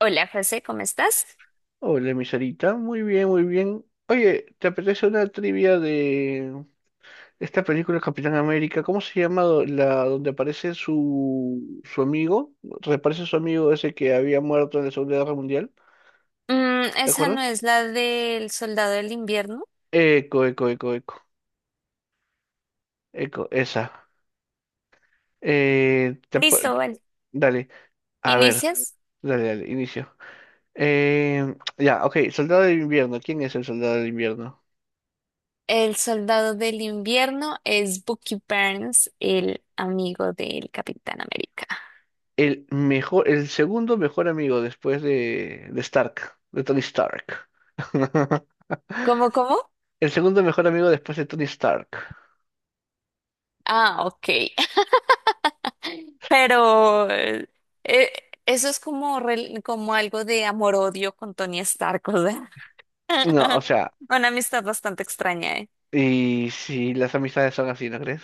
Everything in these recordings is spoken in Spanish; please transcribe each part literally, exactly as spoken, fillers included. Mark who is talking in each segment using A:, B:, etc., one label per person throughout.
A: Hola, José, ¿cómo estás?
B: Hola, mi Sarita. Muy bien, muy bien. Oye, ¿te apetece una trivia de esta película Capitán América? ¿Cómo se llama do- la donde aparece su, su amigo? Reaparece su amigo ese que había muerto en la Segunda Guerra Mundial.
A: Mm,
B: ¿Te
A: esa no es
B: acuerdas?
A: la del soldado del invierno.
B: Eco, eco, eco, eco. Eco, esa. Eh, te ap-
A: Listo, vale.
B: dale, a ver,
A: ¿Inicias?
B: dale, dale, inicio. Eh, ya, ok, Soldado del Invierno. ¿Quién es el Soldado del Invierno?
A: El soldado del invierno es Bucky Barnes, el amigo del Capitán América.
B: El mejor, el segundo mejor amigo después de, de Stark, de Tony Stark.
A: ¿Cómo, cómo?
B: El segundo mejor amigo después de Tony Stark.
A: Ah, ok. Pero eh, eh, eso es como, rel- como algo de amor-odio con Tony Stark, o sea.
B: No, o sea,
A: Una amistad bastante extraña, ¿eh?
B: y si las amistades son así, ¿no crees?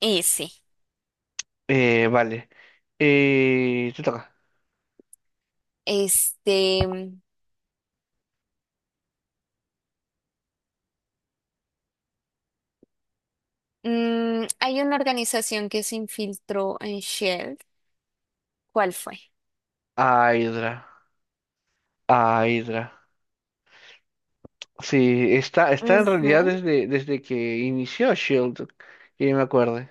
A: Y sí,
B: Eh, vale. Eh, te toca.
A: este. Mm, hay una organización que se infiltró en Shell. ¿Cuál fue?
B: A Hydra. A Hydra. Sí, está, está en realidad
A: Ujú.
B: desde, desde que inició Shield, que yo me acuerde.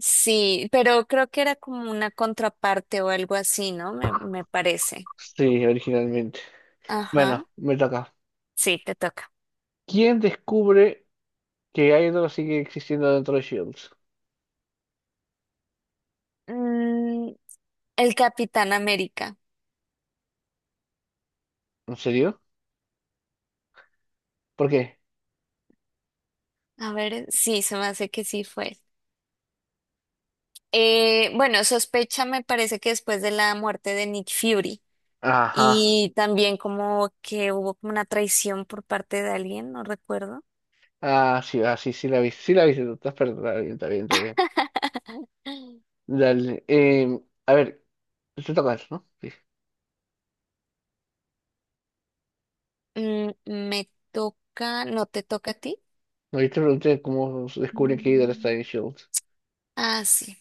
A: Sí, pero creo que era como una contraparte o algo así, ¿no? Me, me parece.
B: Sí, originalmente.
A: Ajá.
B: Bueno, me toca.
A: Sí, te toca.
B: ¿Quién descubre que Hydra sigue existiendo dentro de Shield?
A: Mm, el Capitán América.
B: ¿En serio? ¿Por qué?
A: A ver, sí, se me hace que sí fue. Eh, bueno, sospecha me parece que después de la muerte de Nick Fury
B: Ajá.
A: y también como que hubo como una traición por parte de alguien, no recuerdo.
B: Ah, sí, ah, sí, sí la vi. Sí la vi, tú estás perdonada. Está bien, está bien, está bien. Dale. Eh, a ver, te toca eso, ¿no? Sí.
A: Mm, me toca, no te toca a ti.
B: No, yo te pregunté cómo se descubre que Hydra está
A: Mm.
B: en S.H.I.E.L.D.
A: Ah, sí.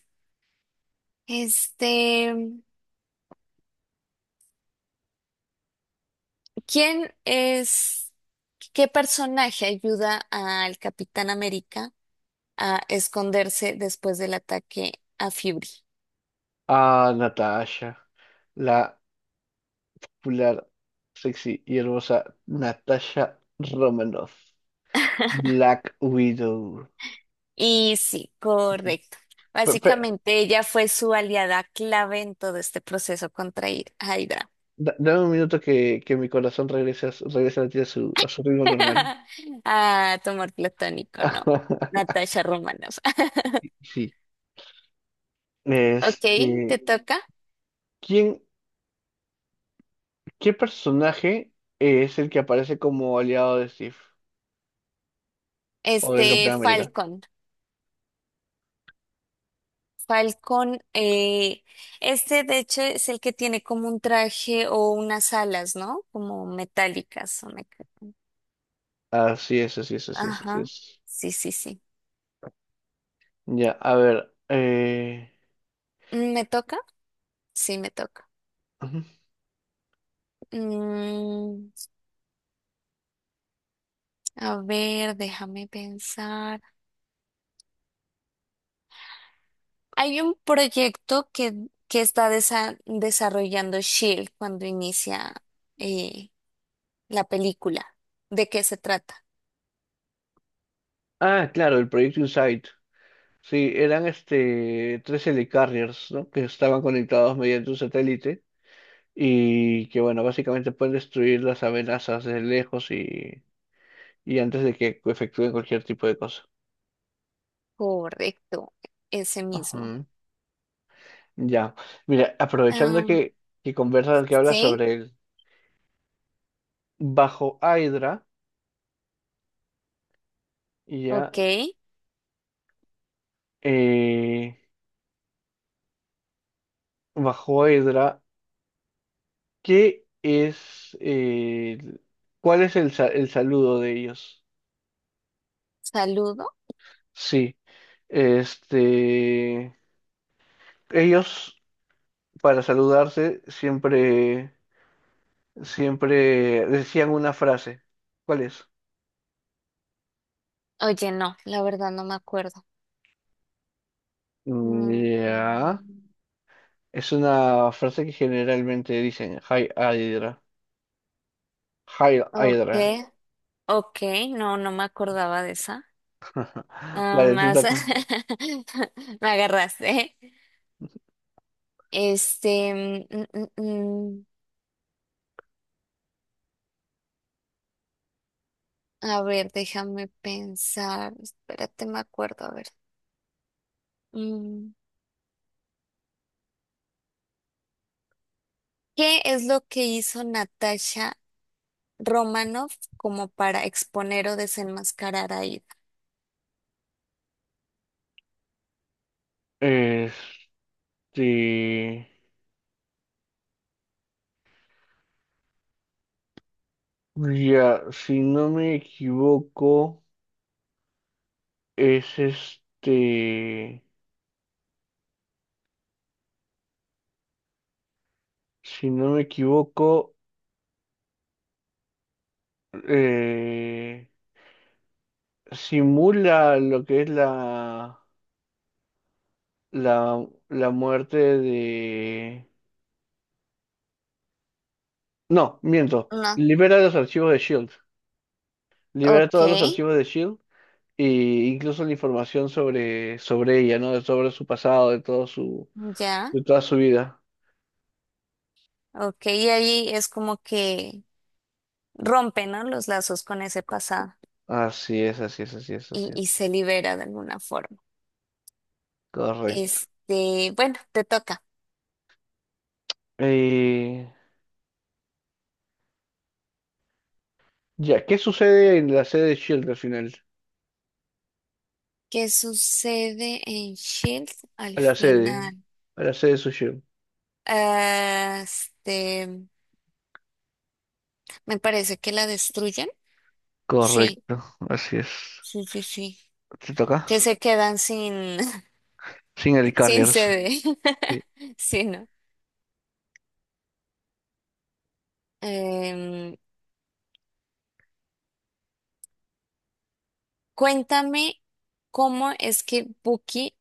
A: Este, ¿quién es, qué personaje ayuda al Capitán América a esconderse después del ataque a Fury?
B: Ah, Natasha. La popular, sexy y hermosa Natasha Romanoff. Black Widow.
A: Y sí,
B: Sí.
A: correcto.
B: Pe- pe-
A: Básicamente ella fue su aliada clave en todo este proceso contra Hy- Hydra.
B: da- dame un minuto que, que mi corazón regrese, a su- regrese a latir a su, a su ritmo normal.
A: Ah, tu amor platónico, ¿no? Natasha Romanoff.
B: Sí.
A: Ok,
B: Este.
A: te toca.
B: ¿Quién, qué personaje es el que aparece como aliado de Steve o del
A: Este
B: Capitán América?
A: Falcon. Falcon, eh, este de hecho es el que tiene como un traje o unas alas, ¿no? Como metálicas. o meca-
B: Así es, así es, así es, así
A: Ajá.
B: es.
A: Sí, sí, sí.
B: Ya, a ver. Eh,
A: Mm, ¿me toca? Sí, me toca.
B: ujú.
A: Mm, a ver, déjame pensar. Hay un proyecto que, que está desa- desarrollando Shield cuando inicia eh, la película. ¿De qué se trata?
B: Ah, claro, el Proyecto Insight. Sí, eran este tres helicarriers, ¿no? Que estaban conectados mediante un satélite y que, bueno, básicamente pueden destruir las amenazas desde lejos y, y antes de que efectúen cualquier tipo de cosa.
A: Correcto, ese mismo.
B: Ajá. Ya. Mira, aprovechando que, que conversas, que hablas
A: Sí,
B: sobre él. Bajo Hydra, y ya,
A: ok.
B: eh, bajo Hydra, ¿qué es, eh, el- cuál es el, sa- el saludo de ellos?
A: Saludo.
B: Sí, este, ellos para saludarse siempre, siempre decían una frase. ¿Cuál es?
A: Oye, no, la verdad no me acuerdo.
B: Mm,
A: Mm,
B: Ya, es una frase que generalmente dicen, Hi Hydra, Hi
A: ok,
B: Hydra.
A: ok, no, no me acordaba de esa. Ah,
B: Vale, te
A: más
B: toca.
A: me agarraste. Este, mm, mm, mm, a ver, déjame pensar. Espérate, me acuerdo, a ver. Mm, ¿qué es lo que hizo Natasha Romanoff como para exponer o desenmascarar a Ida?
B: Este. Ya, si no me equivoco, es este, si no me equivoco, eh, simula lo que es la, la, la muerte de. No, miento,
A: No,
B: libera los archivos de Shield, libera
A: ok,
B: todos los archivos de Shield e incluso la información sobre, sobre ella, ¿no? Sobre su pasado, de todo su,
A: ya.
B: de toda su vida.
A: Ok, y ahí es como que rompe, ¿no? Los lazos con ese pasado
B: Así es, así es, así es, así
A: y, y
B: es.
A: se libera de alguna forma.
B: Correcto.
A: Este, bueno, te toca.
B: Eh, Ya, ¿qué sucede en la sede de Shield al final?
A: ¿Qué sucede en Shield al
B: A la sede.
A: final?
B: A la sede de su Shield.
A: Ah, este, me parece que la destruyen. Sí,
B: Correcto, así es.
A: sí, sí, sí.
B: ¿Te toca?
A: Que se quedan sin,
B: Sin el
A: sin
B: Carriers.
A: sede.
B: Sí.
A: Sí, ¿no? Em, cuéntame cómo es que Bucky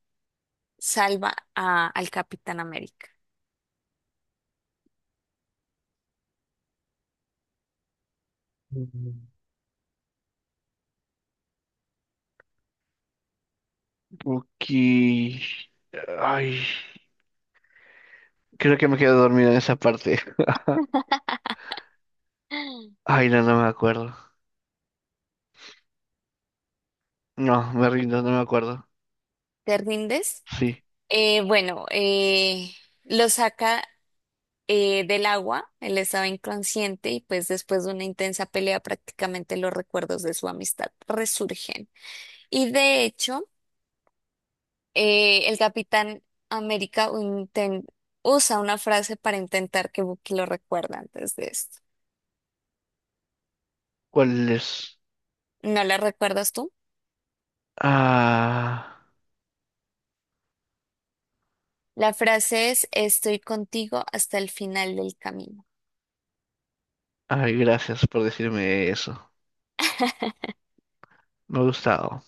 A: salva a- al Capitán América.
B: Mm. Ok. Ay, creo que me quedo dormido en esa parte.
A: ¿Te
B: Ay, no, no me acuerdo. No, me rindo, no me acuerdo.
A: rindes?
B: Sí.
A: Eh, bueno, eh, lo saca eh, del agua, él estaba inconsciente y pues después de una intensa pelea prácticamente los recuerdos de su amistad resurgen. Y de hecho, eh, el Capitán América inten- usa una frase para intentar que Bucky lo recuerde antes de esto.
B: ¿Cuál es?
A: ¿No la recuerdas tú?
B: Ah.
A: La frase es, estoy contigo hasta el final del camino.
B: Ay, gracias por decirme eso. Me ha gustado.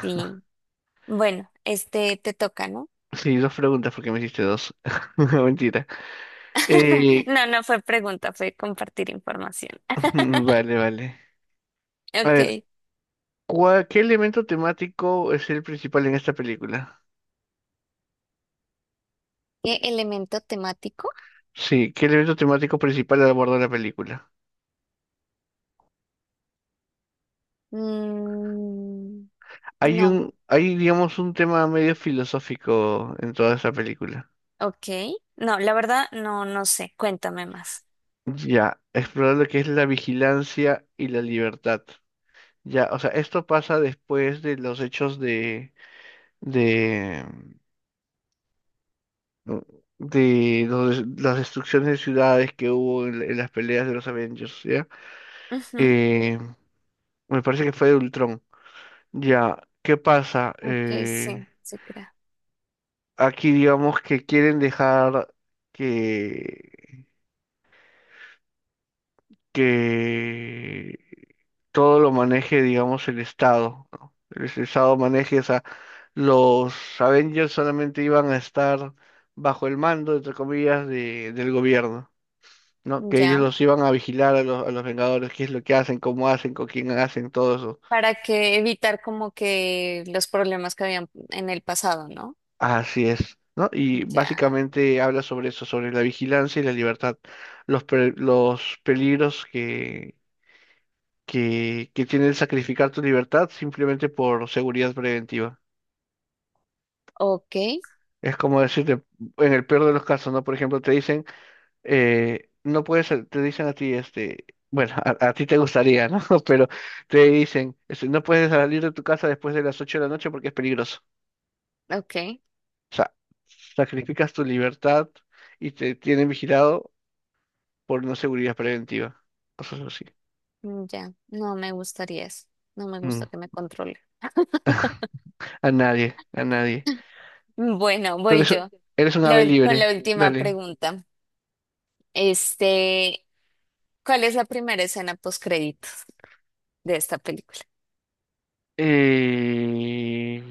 A: Sí. Bueno, este te toca, ¿no?
B: Sí, dos preguntas porque me hiciste dos. Mentira. Eh,
A: No, no fue pregunta, fue compartir información.
B: vale, vale. A
A: Ok.
B: ver,
A: ¿E-
B: ¿cuál- ¿qué elemento temático es el principal en esta película?
A: ¿Elemento temático?
B: Sí, ¿qué elemento temático principal aborda la película?
A: Mm,
B: Hay
A: no.
B: un, hay, digamos, un tema medio filosófico en toda esta película.
A: Ok. No, la verdad, no, no sé. Cuéntame más.
B: Ya, explorar lo que es la vigilancia y la libertad. Ya, o sea, esto pasa después de los hechos de, de, mm, de los- las destrucciones de ciudades que hubo en, en las peleas de los Avengers, ¿ya?
A: Ujú.
B: Eh, me parece que fue de Ultron. Ya, ¿qué pasa?
A: Ok,
B: Eh,
A: sí, se crea.
B: aquí digamos que quieren dejar que, que todo lo maneje, digamos, el Estado, ¿no? El Estado maneje, o sea, los Avengers solamente iban a estar bajo el mando, entre comillas, de, del gobierno, ¿no? Que ellos
A: Ya.
B: los iban a vigilar a los, a los Vengadores, qué es lo que hacen, cómo hacen, con quién hacen, todo eso.
A: ¿Para que evitar como que los problemas que habían en el pasado, no?
B: Así es, ¿no? Y
A: Ya.
B: básicamente habla sobre eso, sobre la vigilancia y la libertad, los, pe- los peligros que, que, que tiene el sacrificar tu libertad simplemente por seguridad preventiva.
A: Ok,
B: Es como decirte, en el peor de los casos, ¿no? Por ejemplo, te dicen, eh, no puedes, sal- te dicen a ti, este, bueno, a, a ti te gustaría, ¿no? Pero te dicen, este, no puedes salir de tu casa después de las ocho de la noche porque es peligroso.
A: ok.
B: O sea, sacrificas tu libertad y te tienen vigilado por no seguridad preventiva, cosas así.
A: Ya. No me gustaría eso. No me
B: Mm.
A: gusta que me controle.
B: A nadie, a nadie.
A: Bueno,
B: Tú
A: voy
B: eres, un-
A: yo.
B: eres un
A: La
B: ave
A: ul- con
B: libre,
A: la última
B: dale.
A: pregunta. Este, ¿cuál es la primera escena post créditos de esta película?
B: Eh,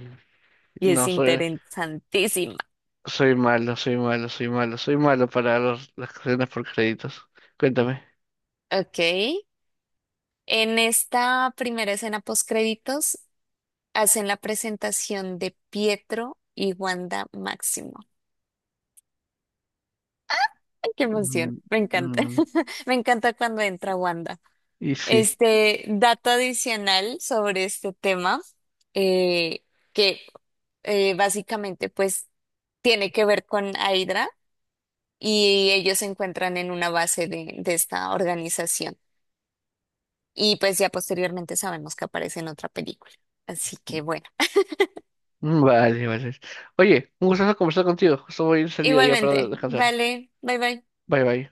A: Y es
B: no, soy,
A: interesantísima.
B: soy malo, soy malo, soy malo, soy malo para los- las cadenas por créditos. Cuéntame.
A: Ok. En esta primera escena post créditos hacen la presentación de Pietro y Wanda Máximo. Ay, qué emoción.
B: Mm,
A: Me encanta.
B: mm.
A: Me encanta cuando entra Wanda.
B: Y sí,
A: Este dato adicional sobre este tema, eh, que eh, básicamente pues tiene que ver con Hydra. Y ellos se encuentran en una base de, de esta organización. Y pues ya posteriormente sabemos que aparece en otra película. Así que bueno,
B: mm, vale, vale. Oye, un gusto conversar contigo. Solo voy a ir de salida ya para
A: igualmente,
B: descansar.
A: vale, bye bye.
B: Bye, bye.